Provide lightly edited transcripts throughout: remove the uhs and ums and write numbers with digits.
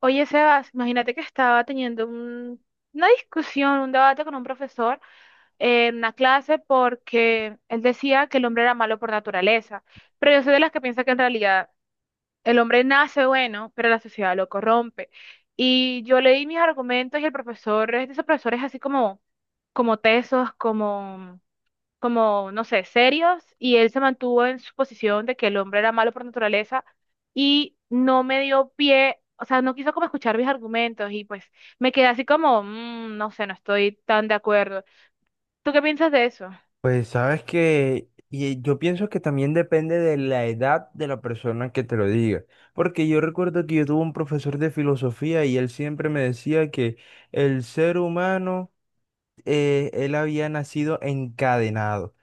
Oye, Sebas, imagínate que estaba teniendo una discusión, un debate con un profesor en una clase porque él decía que el hombre era malo por naturaleza, pero yo soy de las que piensa que en realidad el hombre nace bueno, pero la sociedad lo corrompe. Y yo leí mis argumentos y el profesor es de esos profesores así como tesos, como, no sé, serios, y él se mantuvo en su posición de que el hombre era malo por naturaleza y no me dio pie, o sea, no quiso como escuchar mis argumentos, y pues me quedé así como: No sé, no estoy tan de acuerdo. ¿Tú qué piensas de eso?" Pues sabes que y yo pienso que también depende de la edad de la persona que te lo diga, porque yo recuerdo que yo tuve un profesor de filosofía y él siempre me decía que el ser humano, él había nacido encadenado,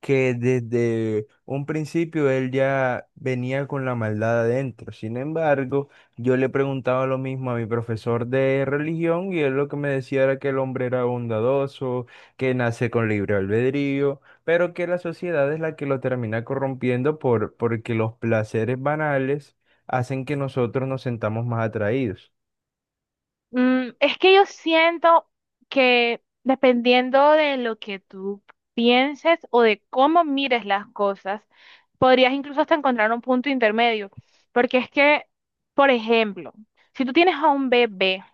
que desde un principio él ya venía con la maldad adentro. Sin embargo, yo le preguntaba lo mismo a mi profesor de religión y él lo que me decía era que el hombre era bondadoso, que nace con libre albedrío, pero que la sociedad es la que lo termina corrompiendo porque los placeres banales hacen que nosotros nos sentamos más atraídos. Es que yo siento que, dependiendo de lo que tú pienses o de cómo mires las cosas, podrías incluso hasta encontrar un punto intermedio, porque es que, por ejemplo, si tú tienes a un bebé,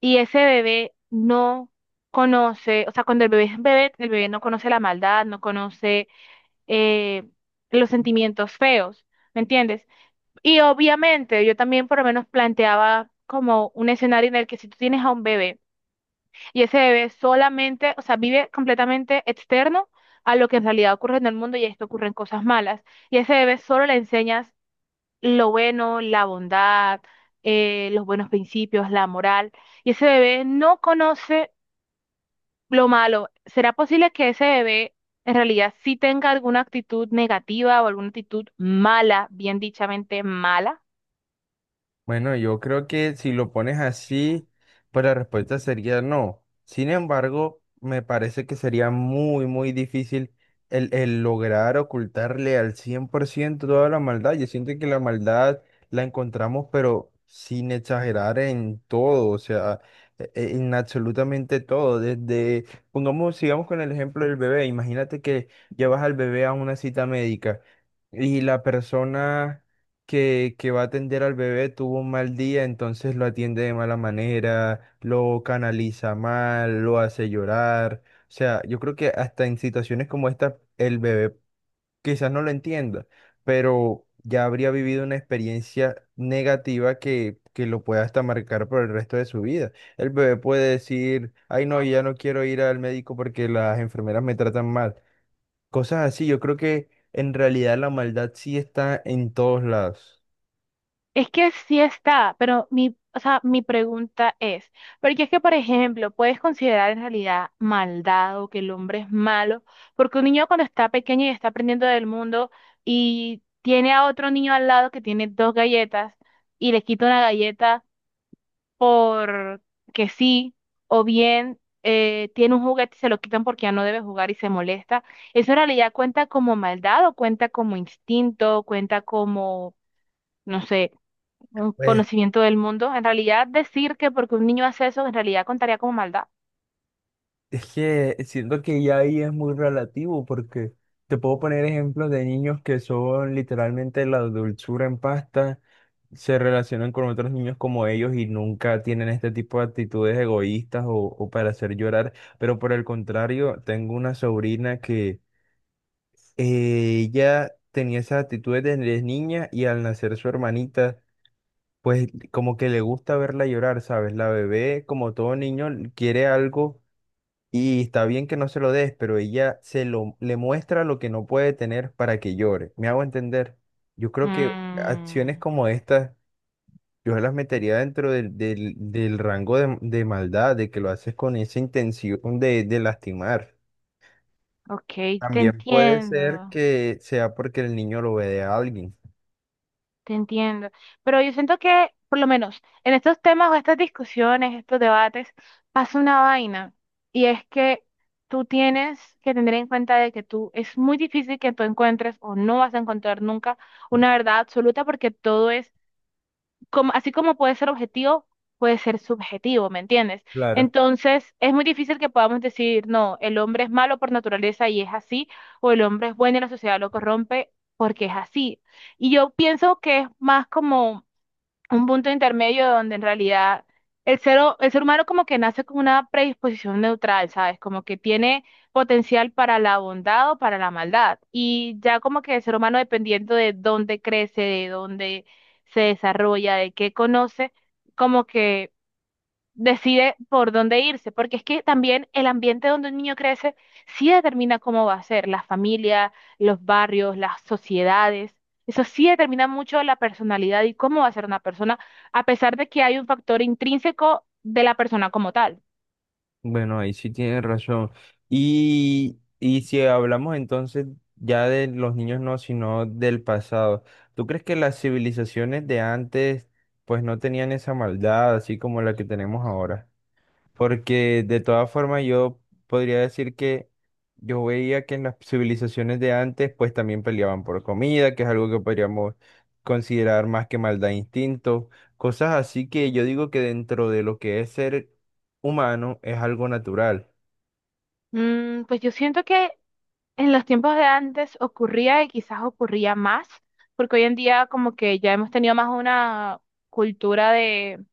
y ese bebé no conoce, o sea, cuando el bebé es bebé, el bebé no conoce la maldad, no conoce, eh, los sentimientos feos, ¿me entiendes? Y obviamente yo también por lo menos planteaba como un escenario en el que si tú tienes a un bebé y ese bebé solamente, o sea, vive completamente externo a lo que en realidad ocurre en el mundo, y esto ocurren cosas malas, y a ese bebé solo le enseñas lo bueno, la bondad, los buenos principios, la moral. Y ese bebé no conoce lo malo. ¿Será posible que ese bebé en realidad sí tenga alguna actitud negativa o alguna actitud mala, bien dichamente mala? Bueno, yo creo que si lo pones así, pues la respuesta sería no. Sin embargo, me parece que sería muy, muy difícil el lograr ocultarle al 100% toda la maldad. Yo siento que la maldad la encontramos, pero sin exagerar en todo, o sea, en absolutamente todo. Desde, pongamos, sigamos con el ejemplo del bebé. Imagínate que llevas al bebé a una cita médica y la persona que va a atender al bebé tuvo un mal día, entonces lo atiende de mala manera, lo canaliza mal, lo hace llorar. O sea, yo creo que hasta en situaciones como esta, el bebé quizás no lo entienda, pero ya habría vivido una experiencia negativa que lo pueda hasta marcar por el resto de su vida. El bebé puede decir, ay no, ya no quiero ir al médico porque las enfermeras me tratan mal. Cosas así, yo creo que en realidad la maldad sí está en todos lados. Es que sí está, pero mi, o sea, mi pregunta es, porque es que, por ejemplo, ¿puedes considerar en realidad maldad o que el hombre es malo, porque un niño, cuando está pequeño y está aprendiendo del mundo y tiene a otro niño al lado que tiene dos galletas, y le quita una galleta, por que sí, o bien, tiene un juguete y se lo quitan porque ya no debe jugar y se molesta? ¿Eso en realidad cuenta como maldad o cuenta como instinto, cuenta como, no sé, un pues conocimiento del mundo? En realidad, decir que porque un niño hace eso, en realidad contaría como maldad. Es que siento que ya ahí es muy relativo porque te puedo poner ejemplos de niños que son literalmente la dulzura en pasta, se relacionan con otros niños como ellos y nunca tienen este tipo de actitudes egoístas o para hacer llorar. Pero por el contrario, tengo una sobrina que ella tenía esas actitudes desde niña y al nacer su hermanita, pues como que le gusta verla llorar, ¿sabes? La bebé, como todo niño, quiere algo y está bien que no se lo des, pero ella se lo le muestra lo que no puede tener para que llore. ¿Me hago entender? Yo creo que acciones Mm, como estas, yo las metería dentro del rango de maldad, de que lo haces con esa intención de lastimar. ok, te También puede ser entiendo. que sea porque el niño lo ve de alguien. Te entiendo. Pero yo siento que, por lo menos, en estos temas o estas discusiones, estos debates, pasa una vaina. Y es que tú tienes que tener en cuenta de que tú, es muy difícil que tú encuentres o no vas a encontrar nunca una verdad absoluta, porque todo es así como puede ser objetivo, puede ser subjetivo, ¿me entiendes? Claro. Entonces, es muy difícil que podamos decir, no, el hombre es malo por naturaleza y es así, o el hombre es bueno y la sociedad lo corrompe porque es así. Y yo pienso que es más como un punto intermedio, donde en realidad el ser humano como que nace con una predisposición neutral, ¿sabes? Como que tiene potencial para la bondad o para la maldad. Y ya como que el ser humano, dependiendo de dónde crece, de dónde se desarrolla, de qué conoce, como que decide por dónde irse, porque es que también el ambiente donde un niño crece sí determina cómo va a ser, la familia, los barrios, las sociedades, eso sí determina mucho la personalidad y cómo va a ser una persona, a pesar de que hay un factor intrínseco de la persona como tal. Bueno, ahí sí tienes razón. Y si hablamos entonces ya de los niños no, sino del pasado, ¿tú crees que las civilizaciones de antes pues no tenían esa maldad así como la que tenemos ahora? Porque de todas formas yo podría decir que yo veía que en las civilizaciones de antes pues también peleaban por comida, que es algo que podríamos considerar más que maldad e instinto, cosas así que yo digo que dentro de lo que es ser humano es algo natural. Pues yo siento que en los tiempos de antes ocurría, y quizás ocurría más, porque hoy en día como que ya hemos tenido más una cultura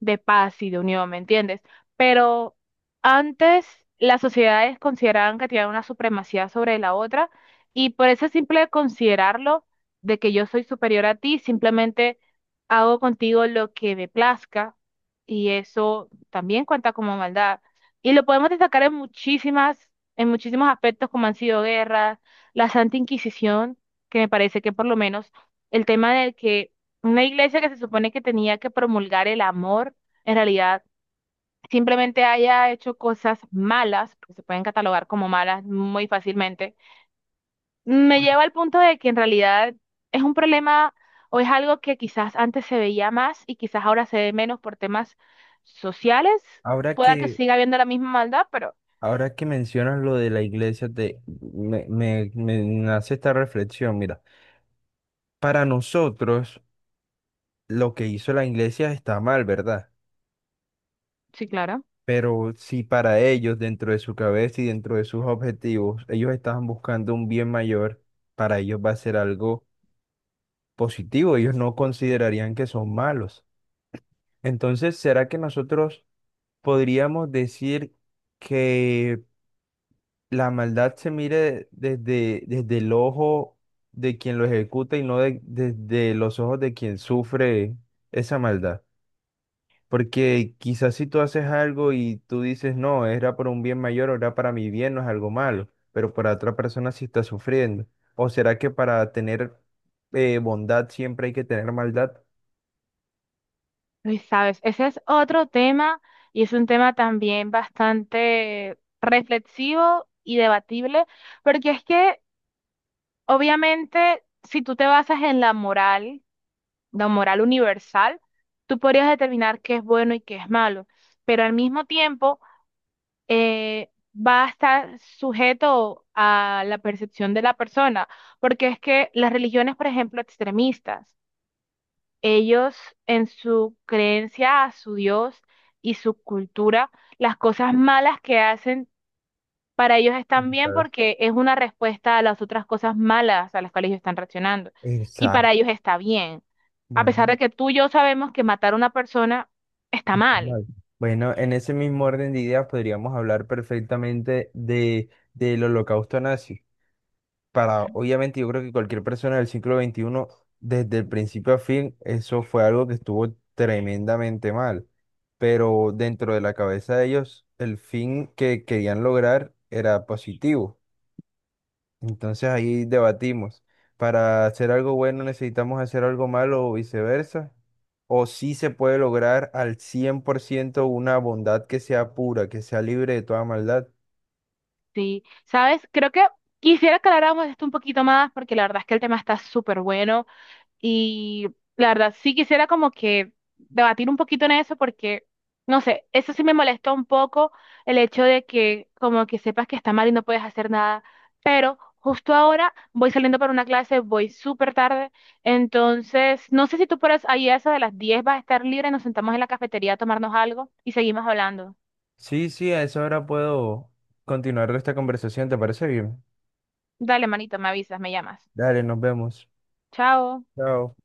de paz y de unión, ¿me entiendes? Pero antes las sociedades consideraban que tenían una supremacía sobre la otra, y por ese simple considerarlo de que yo soy superior a ti, simplemente hago contigo lo que me plazca, y eso también cuenta como maldad. Y lo podemos destacar en muchísimas, en muchísimos aspectos, como han sido guerras, la Santa Inquisición, que me parece que, por lo menos, el tema del que una iglesia que se supone que tenía que promulgar el amor, en realidad simplemente haya hecho cosas malas, porque se pueden catalogar como malas muy fácilmente, me lleva al punto de que en realidad es un problema o es algo que quizás antes se veía más y quizás ahora se ve menos por temas sociales. Ahora Pueda que que, siga habiendo la misma maldad, pero Ahora que mencionas lo de la iglesia, me nace esta reflexión, mira, para nosotros lo que hizo la iglesia está mal, ¿verdad? sí, claro. Pero si para ellos, dentro de su cabeza y dentro de sus objetivos, ellos estaban buscando un bien mayor, para ellos va a ser algo positivo, ellos no considerarían que son malos. Entonces, ¿será que nosotros podríamos decir que la maldad se mire desde, desde el ojo de quien lo ejecuta y no de- desde los ojos de quien sufre esa maldad? Porque quizás si tú haces algo y tú dices, no, era por un bien mayor o era para mi bien, no es algo malo, pero para otra persona sí está sufriendo. ¿O será que para tener bondad siempre hay que tener maldad? Y sabes, ese es otro tema, y es un tema también bastante reflexivo y debatible. Porque es que, obviamente, si tú te basas en la moral universal, tú podrías determinar qué es bueno y qué es malo, pero al mismo tiempo, eh, va a estar sujeto a la percepción de la persona, porque es que las religiones, por ejemplo, extremistas, ellos, en su creencia a su Dios y su cultura, las cosas malas que hacen para ellos están bien Quizás. porque es una respuesta a las otras cosas malas a las cuales ellos están reaccionando. Y Exacto. para ellos está bien. A pesar Bueno, de que tú y yo sabemos que matar a una persona está está mal. mal. Bueno, en ese mismo orden de ideas podríamos hablar perfectamente del holocausto nazi. Para, obviamente, yo creo que cualquier persona del siglo XXI desde el principio a fin, eso fue algo que estuvo tremendamente mal. Pero dentro de la cabeza de ellos, el fin que querían lograr era positivo. Entonces ahí debatimos, ¿para hacer algo bueno necesitamos hacer algo malo o viceversa? ¿O si se puede lograr al 100% una bondad que sea pura, que sea libre de toda maldad? ¿Sí? ¿Sabes? Creo que quisiera que habláramos de esto un poquito más, porque la verdad es que el tema está súper bueno. Y la verdad, sí quisiera como que debatir un poquito en eso porque, no sé, eso sí me molesta un poco el hecho de que como que sepas que está mal y no puedes hacer nada. Pero justo ahora voy saliendo para una clase, voy súper tarde. Entonces, no sé si tú por ahí, a eso de las 10, vas a estar libre, nos sentamos en la cafetería a tomarnos algo y seguimos hablando. Sí, a esa hora puedo continuar esta conversación, ¿te parece bien? Dale, manito, me avisas, me llamas. Dale, nos vemos. Chao. Chao.